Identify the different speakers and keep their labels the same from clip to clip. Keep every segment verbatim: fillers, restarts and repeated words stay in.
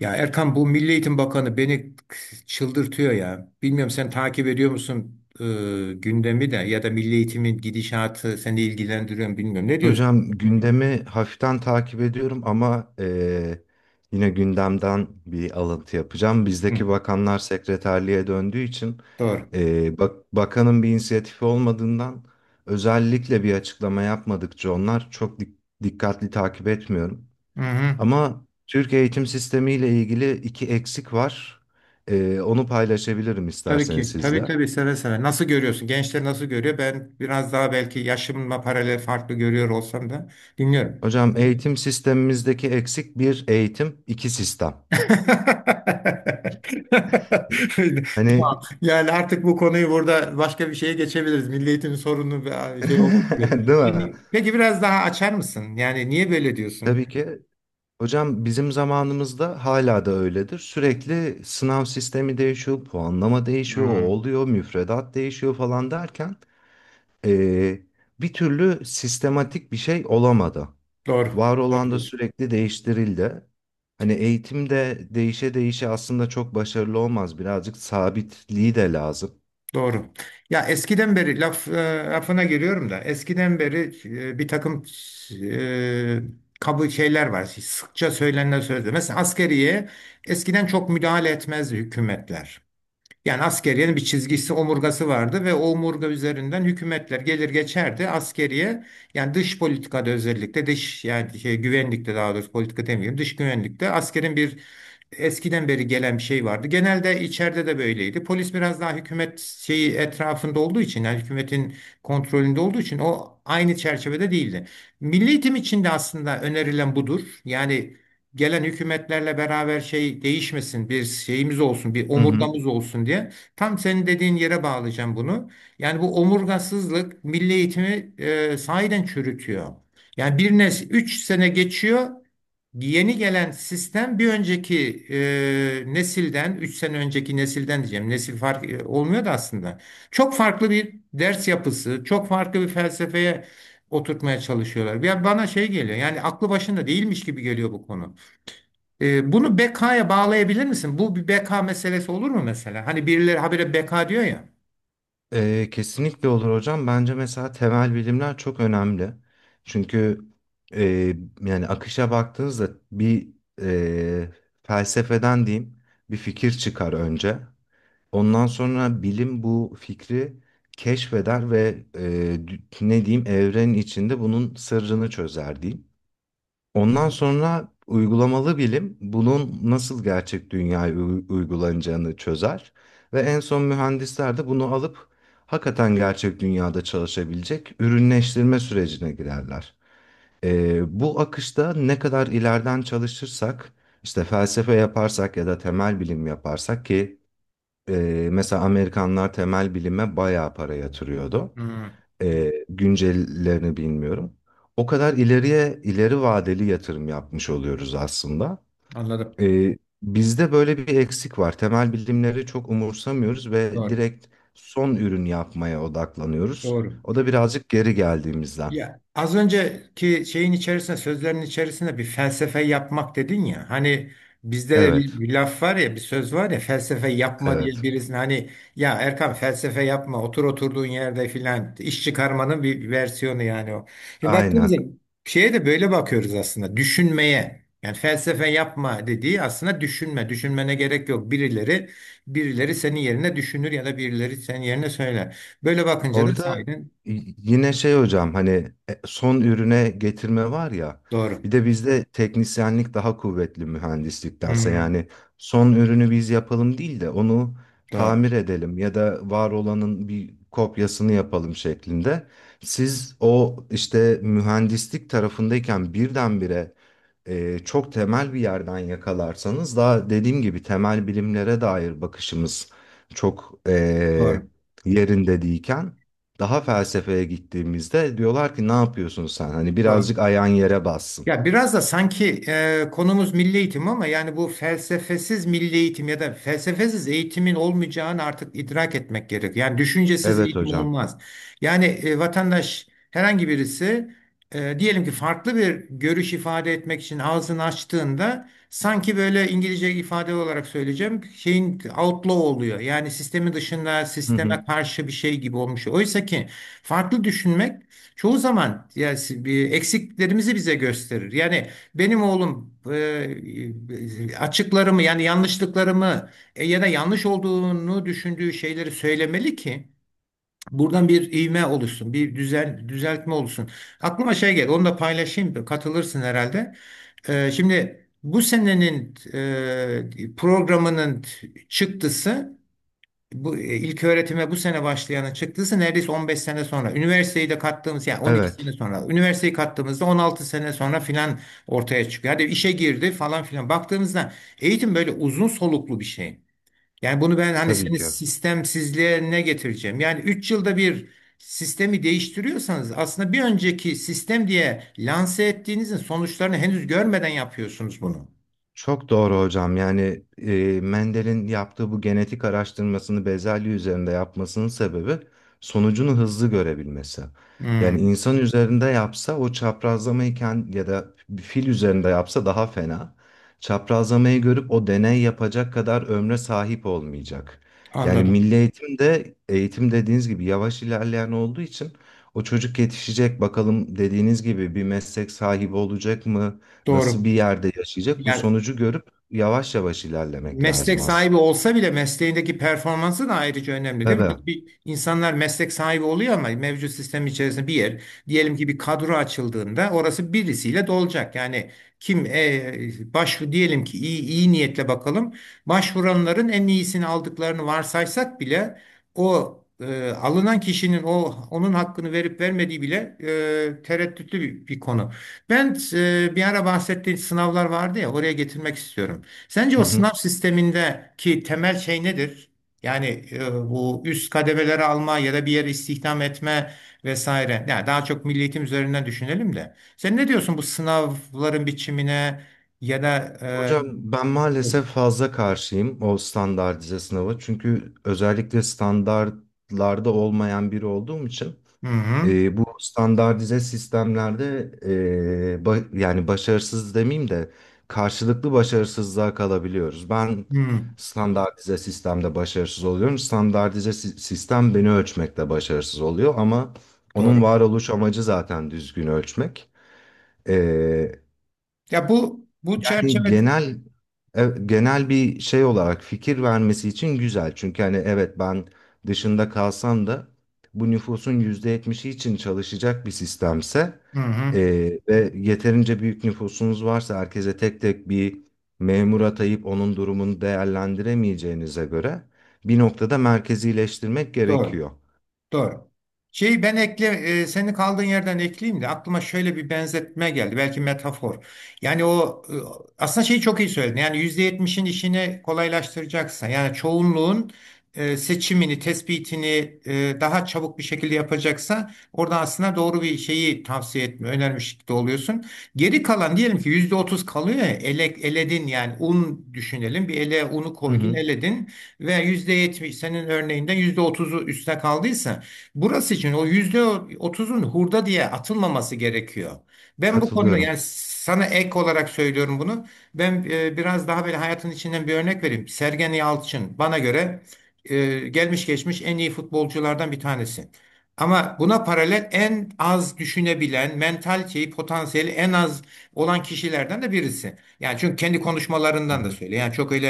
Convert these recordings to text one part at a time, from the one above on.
Speaker 1: Ya Erkan, bu Milli Eğitim Bakanı beni çıldırtıyor ya. Bilmiyorum, sen takip ediyor musun e, gündemi? De ya da Milli Eğitim'in gidişatı seni ilgilendiriyor mu bilmiyorum. Ne diyorsun?
Speaker 2: Hocam gündemi hafiften takip ediyorum ama eee, yine gündemden bir alıntı yapacağım.
Speaker 1: Hı,
Speaker 2: Bizdeki bakanlar sekreterliğe döndüğü için
Speaker 1: doğru.
Speaker 2: eee, bak bakanın bir inisiyatifi olmadığından özellikle bir açıklama yapmadıkça onlar çok dik- dikkatli takip etmiyorum.
Speaker 1: Hı hı.
Speaker 2: Ama Türk eğitim sistemi ile ilgili iki eksik var. Eee, onu paylaşabilirim
Speaker 1: Tabii
Speaker 2: isterseniz
Speaker 1: ki. Tabii
Speaker 2: sizle.
Speaker 1: tabii, seve seve. Nasıl görüyorsun? Gençler nasıl görüyor? Ben biraz daha belki yaşımla paralel farklı görüyor olsam da dinliyorum.
Speaker 2: Hocam eğitim sistemimizdeki eksik bir eğitim, iki sistem.
Speaker 1: Tamam.
Speaker 2: Hani
Speaker 1: Yani artık bu konuyu burada başka bir şeye geçebiliriz. Milli eğitimin sorunu ve şey oldu böyle.
Speaker 2: değil mi?
Speaker 1: Peki peki, biraz daha açar mısın? Yani niye böyle diyorsun?
Speaker 2: Tabii ki. Hocam bizim zamanımızda hala da öyledir. Sürekli sınav sistemi değişiyor, puanlama değişiyor, o
Speaker 1: Hmm,
Speaker 2: oluyor, müfredat değişiyor falan derken eee, bir türlü sistematik bir şey olamadı.
Speaker 1: doğru.
Speaker 2: Var
Speaker 1: Doğru
Speaker 2: olan da
Speaker 1: diyorsun.
Speaker 2: sürekli değiştirildi. Hani eğitimde değişe değişe aslında çok başarılı olmaz. Birazcık sabitliği de lazım.
Speaker 1: Doğru. Ya eskiden beri laf e, lafına giriyorum da eskiden beri e, bir takım e, kabul şeyler var. Sıkça söylenen sözler. Mesela askeriye eskiden çok müdahale etmezdi hükümetler. Yani askeriyenin bir çizgisi, omurgası vardı ve o omurga üzerinden hükümetler gelir geçerdi. Askeriye yani dış politikada, özellikle dış yani şey, güvenlikte, daha doğrusu politika demeyeyim, dış güvenlikte askerin bir eskiden beri gelen bir şey vardı. Genelde içeride de böyleydi. Polis biraz daha hükümet şeyi etrafında olduğu için, yani hükümetin kontrolünde olduğu için o aynı çerçevede değildi. Milli eğitim için de aslında önerilen budur. Yani gelen hükümetlerle beraber şey değişmesin, bir şeyimiz olsun, bir
Speaker 2: Hı hı.
Speaker 1: omurgamız olsun diye. Tam senin dediğin yere bağlayacağım bunu. Yani bu omurgasızlık milli eğitimi e, sahiden çürütüyor. Yani bir nesil üç sene geçiyor. Yeni gelen sistem bir önceki e, nesilden, üç sene önceki nesilden diyeceğim. Nesil fark e, olmuyor da aslında. Çok farklı bir ders yapısı, çok farklı bir felsefeye oturtmaya çalışıyorlar. Ya bana şey geliyor. Yani aklı başında değilmiş gibi geliyor bu konu. E, bunu B K'ya bağlayabilir misin? Bu bir B K meselesi olur mu mesela? Hani birileri habire B K diyor ya.
Speaker 2: Ee, kesinlikle olur hocam. Bence mesela temel bilimler çok önemli. Çünkü e, yani akışa baktığınızda bir e, felsefeden diyeyim bir fikir çıkar önce. Ondan sonra bilim bu fikri keşfeder ve e, dü- ne diyeyim evrenin içinde bunun sırrını çözer diyeyim. Ondan sonra uygulamalı bilim bunun nasıl gerçek dünyaya u- uygulanacağını çözer ve en son mühendisler de bunu alıp hakikaten gerçek dünyada çalışabilecek ürünleştirme sürecine girerler. Ee, bu akışta ne kadar ileriden çalışırsak, işte felsefe yaparsak ya da temel bilim yaparsak ki e, mesela Amerikanlar temel bilime bayağı para yatırıyordu,
Speaker 1: Hmm,
Speaker 2: e, güncellerini bilmiyorum. O kadar ileriye ileri vadeli yatırım yapmış oluyoruz aslında.
Speaker 1: anladım.
Speaker 2: E, bizde böyle bir eksik var. Temel bilimleri çok umursamıyoruz ve
Speaker 1: Doğru.
Speaker 2: direkt son ürün yapmaya odaklanıyoruz.
Speaker 1: Doğru.
Speaker 2: O da birazcık geri geldiğimizden.
Speaker 1: Ya az önceki şeyin içerisinde, sözlerin içerisinde bir felsefe yapmak dedin ya. Hani bizde de bir,
Speaker 2: Evet,
Speaker 1: bir laf var ya, bir söz var ya, felsefe yapma diye
Speaker 2: evet.
Speaker 1: birisine, hani ya Erkan felsefe yapma, otur oturduğun yerde filan, iş çıkarmanın bir versiyonu yani o. Şimdi baktığımızda
Speaker 2: Aynen.
Speaker 1: şeye de böyle bakıyoruz aslında. Düşünmeye. Yani felsefe yapma dediği aslında düşünme. Düşünmene gerek yok. Birileri birileri senin yerine düşünür ya da birileri senin yerine söyler. Böyle bakınca da
Speaker 2: Orada
Speaker 1: sahiden
Speaker 2: y- yine şey hocam hani e, son ürüne getirme var ya,
Speaker 1: doğru.
Speaker 2: bir de bizde teknisyenlik daha kuvvetli mühendisliktense,
Speaker 1: Hmm.
Speaker 2: yani son ürünü biz yapalım değil de onu
Speaker 1: Doğru,
Speaker 2: tamir edelim ya da var olanın bir kopyasını yapalım şeklinde. Siz o işte mühendislik tarafındayken birdenbire e, çok temel bir yerden yakalarsanız, daha dediğim gibi temel bilimlere dair bakışımız çok e,
Speaker 1: doğru,
Speaker 2: yerinde değilken daha felsefeye gittiğimizde diyorlar ki ne yapıyorsun sen? Hani
Speaker 1: doğru.
Speaker 2: birazcık ayağın yere bassın.
Speaker 1: Ya biraz da sanki e, konumuz milli eğitim ama yani bu felsefesiz milli eğitim ya da felsefesiz eğitimin olmayacağını artık idrak etmek gerek. Yani düşüncesiz
Speaker 2: Evet
Speaker 1: eğitim
Speaker 2: hocam.
Speaker 1: olmaz. Yani e, vatandaş, herhangi birisi e, diyelim ki farklı bir görüş ifade etmek için ağzını açtığında sanki böyle, İngilizce ifade olarak söyleyeceğim, şeyin outlaw oluyor. Yani sistemin dışında,
Speaker 2: Hı hı.
Speaker 1: sisteme karşı bir şey gibi olmuş. Oysa ki farklı düşünmek çoğu zaman, yani si- bir eksiklerimizi bize gösterir. Yani benim oğlum e, e, açıklarımı, yani yanlışlıklarımı e, ya da yanlış olduğunu düşündüğü şeyleri söylemeli ki buradan bir ivme oluşsun, bir düzel düzeltme olsun. Aklıma şey geldi, onu da paylaşayım, katılırsın herhalde. E, şimdi bu senenin e, programının çıktısı, bu e, ilk öğretime bu sene başlayanın çıktıysa, neredeyse on beş sene sonra. Üniversiteyi de kattığımız, yani on iki sene
Speaker 2: Evet
Speaker 1: sonra. Üniversiteyi kattığımızda on altı sene sonra filan ortaya çıkıyor. Hadi işe girdi falan filan. Baktığımızda eğitim böyle uzun soluklu bir şey. Yani bunu ben, hani
Speaker 2: tabii
Speaker 1: senin
Speaker 2: ki.
Speaker 1: sistemsizliğe ne getireceğim? Yani üç yılda bir sistemi değiştiriyorsanız, aslında bir önceki sistem diye lanse ettiğinizin sonuçlarını henüz görmeden yapıyorsunuz bunu.
Speaker 2: Çok doğru hocam. Yani e, Mendel'in yaptığı bu genetik araştırmasını bezelye üzerinde yapmasının sebebi sonucunu hızlı görebilmesi. Yani
Speaker 1: Hmm,
Speaker 2: insan üzerinde yapsa o çaprazlamayı kend- ya da bir fil üzerinde yapsa daha fena. Çaprazlamayı görüp o deney yapacak kadar ömre sahip olmayacak. Yani
Speaker 1: anladım.
Speaker 2: milli eğitimde eğitim dediğiniz gibi yavaş ilerleyen olduğu için o çocuk yetişecek bakalım dediğiniz gibi bir meslek sahibi olacak mı? Nasıl
Speaker 1: Doğru.
Speaker 2: bir yerde yaşayacak? Bu
Speaker 1: Yani
Speaker 2: sonucu görüp yavaş yavaş ilerlemek
Speaker 1: meslek
Speaker 2: lazım
Speaker 1: sahibi
Speaker 2: aslında.
Speaker 1: olsa bile mesleğindeki performansı da ayrıca önemli değil mi?
Speaker 2: Tabii.
Speaker 1: Hani bir, insanlar meslek sahibi oluyor ama mevcut sistem içerisinde bir yer, diyelim ki bir kadro açıldığında, orası birisiyle dolacak. Yani kim, e, başvur, diyelim ki iyi, iyi niyetle bakalım. Başvuranların en iyisini aldıklarını varsaysak bile o e, alınan kişinin o onun hakkını verip vermediği bile e, tereddütlü bir, bir konu. Ben e, bir ara bahsettiğim sınavlar vardı ya, oraya getirmek istiyorum. Sence
Speaker 2: Hı
Speaker 1: o
Speaker 2: hı.
Speaker 1: sınav sistemindeki temel şey nedir? Yani e, bu üst kademeleri alma ya da bir yere istihdam etme vesaire. Yani daha çok milli eğitim üzerinden düşünelim de. Sen ne diyorsun bu sınavların biçimine ya da e,
Speaker 2: Hocam ben maalesef fazla karşıyım o standartize sınava. Çünkü özellikle standartlarda olmayan biri olduğum için
Speaker 1: hı hı,
Speaker 2: E, bu standartize sistemlerde e, ba- yani başarısız demeyeyim de karşılıklı başarısızlığa kalabiliyoruz. Ben
Speaker 1: hı,
Speaker 2: standartize sistemde başarısız oluyorum. Standartize si- sistem beni ölçmekte başarısız oluyor, ama onun
Speaker 1: doğru.
Speaker 2: varoluş amacı zaten düzgün ölçmek.
Speaker 1: Ya bu bu
Speaker 2: Hani
Speaker 1: çerçeve,
Speaker 2: genel e, genel bir şey olarak fikir vermesi için güzel. Çünkü hani evet, ben dışında kalsam da bu nüfusun yüzde yetmişi için çalışacak bir sistemse
Speaker 1: hı hı,
Speaker 2: e, ve yeterince büyük nüfusunuz varsa herkese tek tek bir memur atayıp onun durumunu değerlendiremeyeceğinize göre bir noktada merkezileştirmek
Speaker 1: doğru.
Speaker 2: gerekiyor.
Speaker 1: Doğru. Şeyi ben ekle, e, senin kaldığın yerden ekleyeyim de aklıma şöyle bir benzetme geldi. Belki metafor. Yani o e, aslında şeyi çok iyi söyledin. Yani yüzde yetmişin işini kolaylaştıracaksan, yani çoğunluğun e, seçimini, tespitini e, daha çabuk bir şekilde yapacaksa, orada aslında doğru bir şeyi tavsiye etme, önermiş de oluyorsun. Geri kalan, diyelim ki yüzde otuz kalıyor ya, ele, eledin, yani un düşünelim. Bir ele unu
Speaker 2: Hı
Speaker 1: koydun,
Speaker 2: hı.
Speaker 1: eledin ve yüzde yetmiş senin örneğinden yüzde otuzu üstüne kaldıysa, burası için o yüzde otuzun hurda diye atılmaması gerekiyor. Ben bu konuda, yani
Speaker 2: Katılıyorum.
Speaker 1: sana ek olarak söylüyorum bunu. Ben e, biraz daha böyle hayatın içinden bir örnek vereyim. Sergen Yalçın bana göre e, gelmiş geçmiş en iyi futbolculardan bir tanesi. Ama buna paralel en az düşünebilen, mentaliteyi, potansiyeli en az olan kişilerden de birisi. Yani çünkü kendi
Speaker 2: Hı
Speaker 1: konuşmalarından da
Speaker 2: hı.
Speaker 1: söylüyor. Yani çok öyle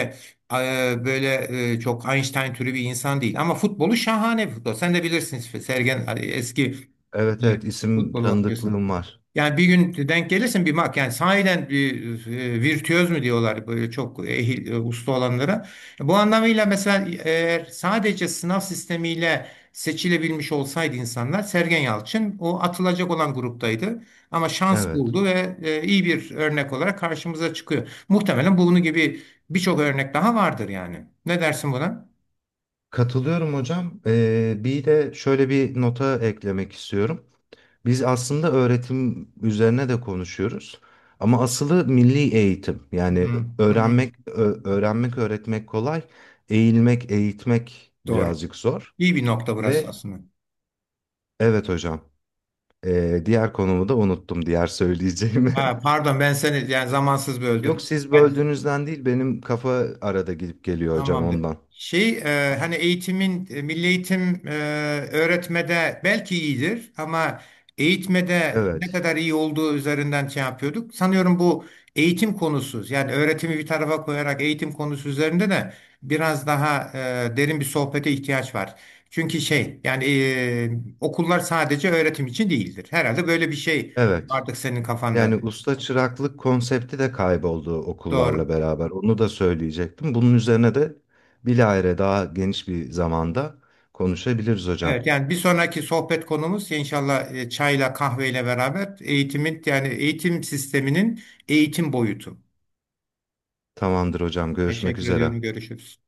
Speaker 1: e, böyle e, çok Einstein türü bir insan değil. Ama futbolu şahane bir futbol. Sen de bilirsin Sergen, hani eski
Speaker 2: Evet,
Speaker 1: e,
Speaker 2: evet, isim
Speaker 1: futbolu bakıyorsun.
Speaker 2: tanıdıklığım var.
Speaker 1: Yani bir gün denk gelirsin bir mak yani sahiden bir e, virtüöz mü diyorlar böyle çok ehil e, usta olanlara. Bu anlamıyla mesela eğer sadece sınav sistemiyle seçilebilmiş olsaydı insanlar, Sergen Yalçın o atılacak olan gruptaydı. Ama şans
Speaker 2: Evet.
Speaker 1: buldu ve e, iyi bir örnek olarak karşımıza çıkıyor. Muhtemelen bunun gibi birçok örnek daha vardır yani. Ne dersin buna?
Speaker 2: Katılıyorum hocam. Ee, bir de şöyle bir nota eklemek istiyorum. Biz aslında öğretim üzerine de konuşuyoruz. Ama asılı milli eğitim.
Speaker 1: Hı,
Speaker 2: Yani
Speaker 1: hı.
Speaker 2: öğrenmek, ö- öğrenmek, öğretmek kolay. Eğilmek, eğitmek
Speaker 1: Doğru.
Speaker 2: birazcık zor.
Speaker 1: İyi bir nokta burası
Speaker 2: Ve
Speaker 1: aslında.
Speaker 2: evet hocam, ee, diğer konumu da unuttum, diğer söyleyeceğimi.
Speaker 1: Ha, pardon, ben seni yani zamansız
Speaker 2: Yok,
Speaker 1: böldüm.
Speaker 2: siz
Speaker 1: Ben
Speaker 2: böldüğünüzden değil, benim kafa arada gidip geliyor hocam
Speaker 1: Tamamdır.
Speaker 2: ondan.
Speaker 1: Şey, e, hani eğitimin e, milli eğitim e, öğretmede belki iyidir ama eğitmede ne
Speaker 2: Evet.
Speaker 1: kadar iyi olduğu üzerinden şey yapıyorduk. Sanıyorum bu eğitim konusu, yani öğretimi bir tarafa koyarak eğitim konusu üzerinde de biraz daha e, derin bir sohbete ihtiyaç var. Çünkü şey, yani e, okullar sadece öğretim için değildir. Herhalde böyle bir şey
Speaker 2: Evet.
Speaker 1: vardı senin kafanda.
Speaker 2: Yani usta çıraklık konsepti de kayboldu okullarla
Speaker 1: Doğru.
Speaker 2: beraber. Onu da söyleyecektim. Bunun üzerine de bilahare daha geniş bir zamanda konuşabiliriz hocam.
Speaker 1: Evet, yani bir sonraki sohbet konumuz inşallah e, çayla kahveyle beraber eğitimin, yani eğitim sisteminin eğitim boyutu.
Speaker 2: Tamamdır hocam. Görüşmek
Speaker 1: Teşekkür
Speaker 2: üzere.
Speaker 1: ediyorum. Görüşürüz.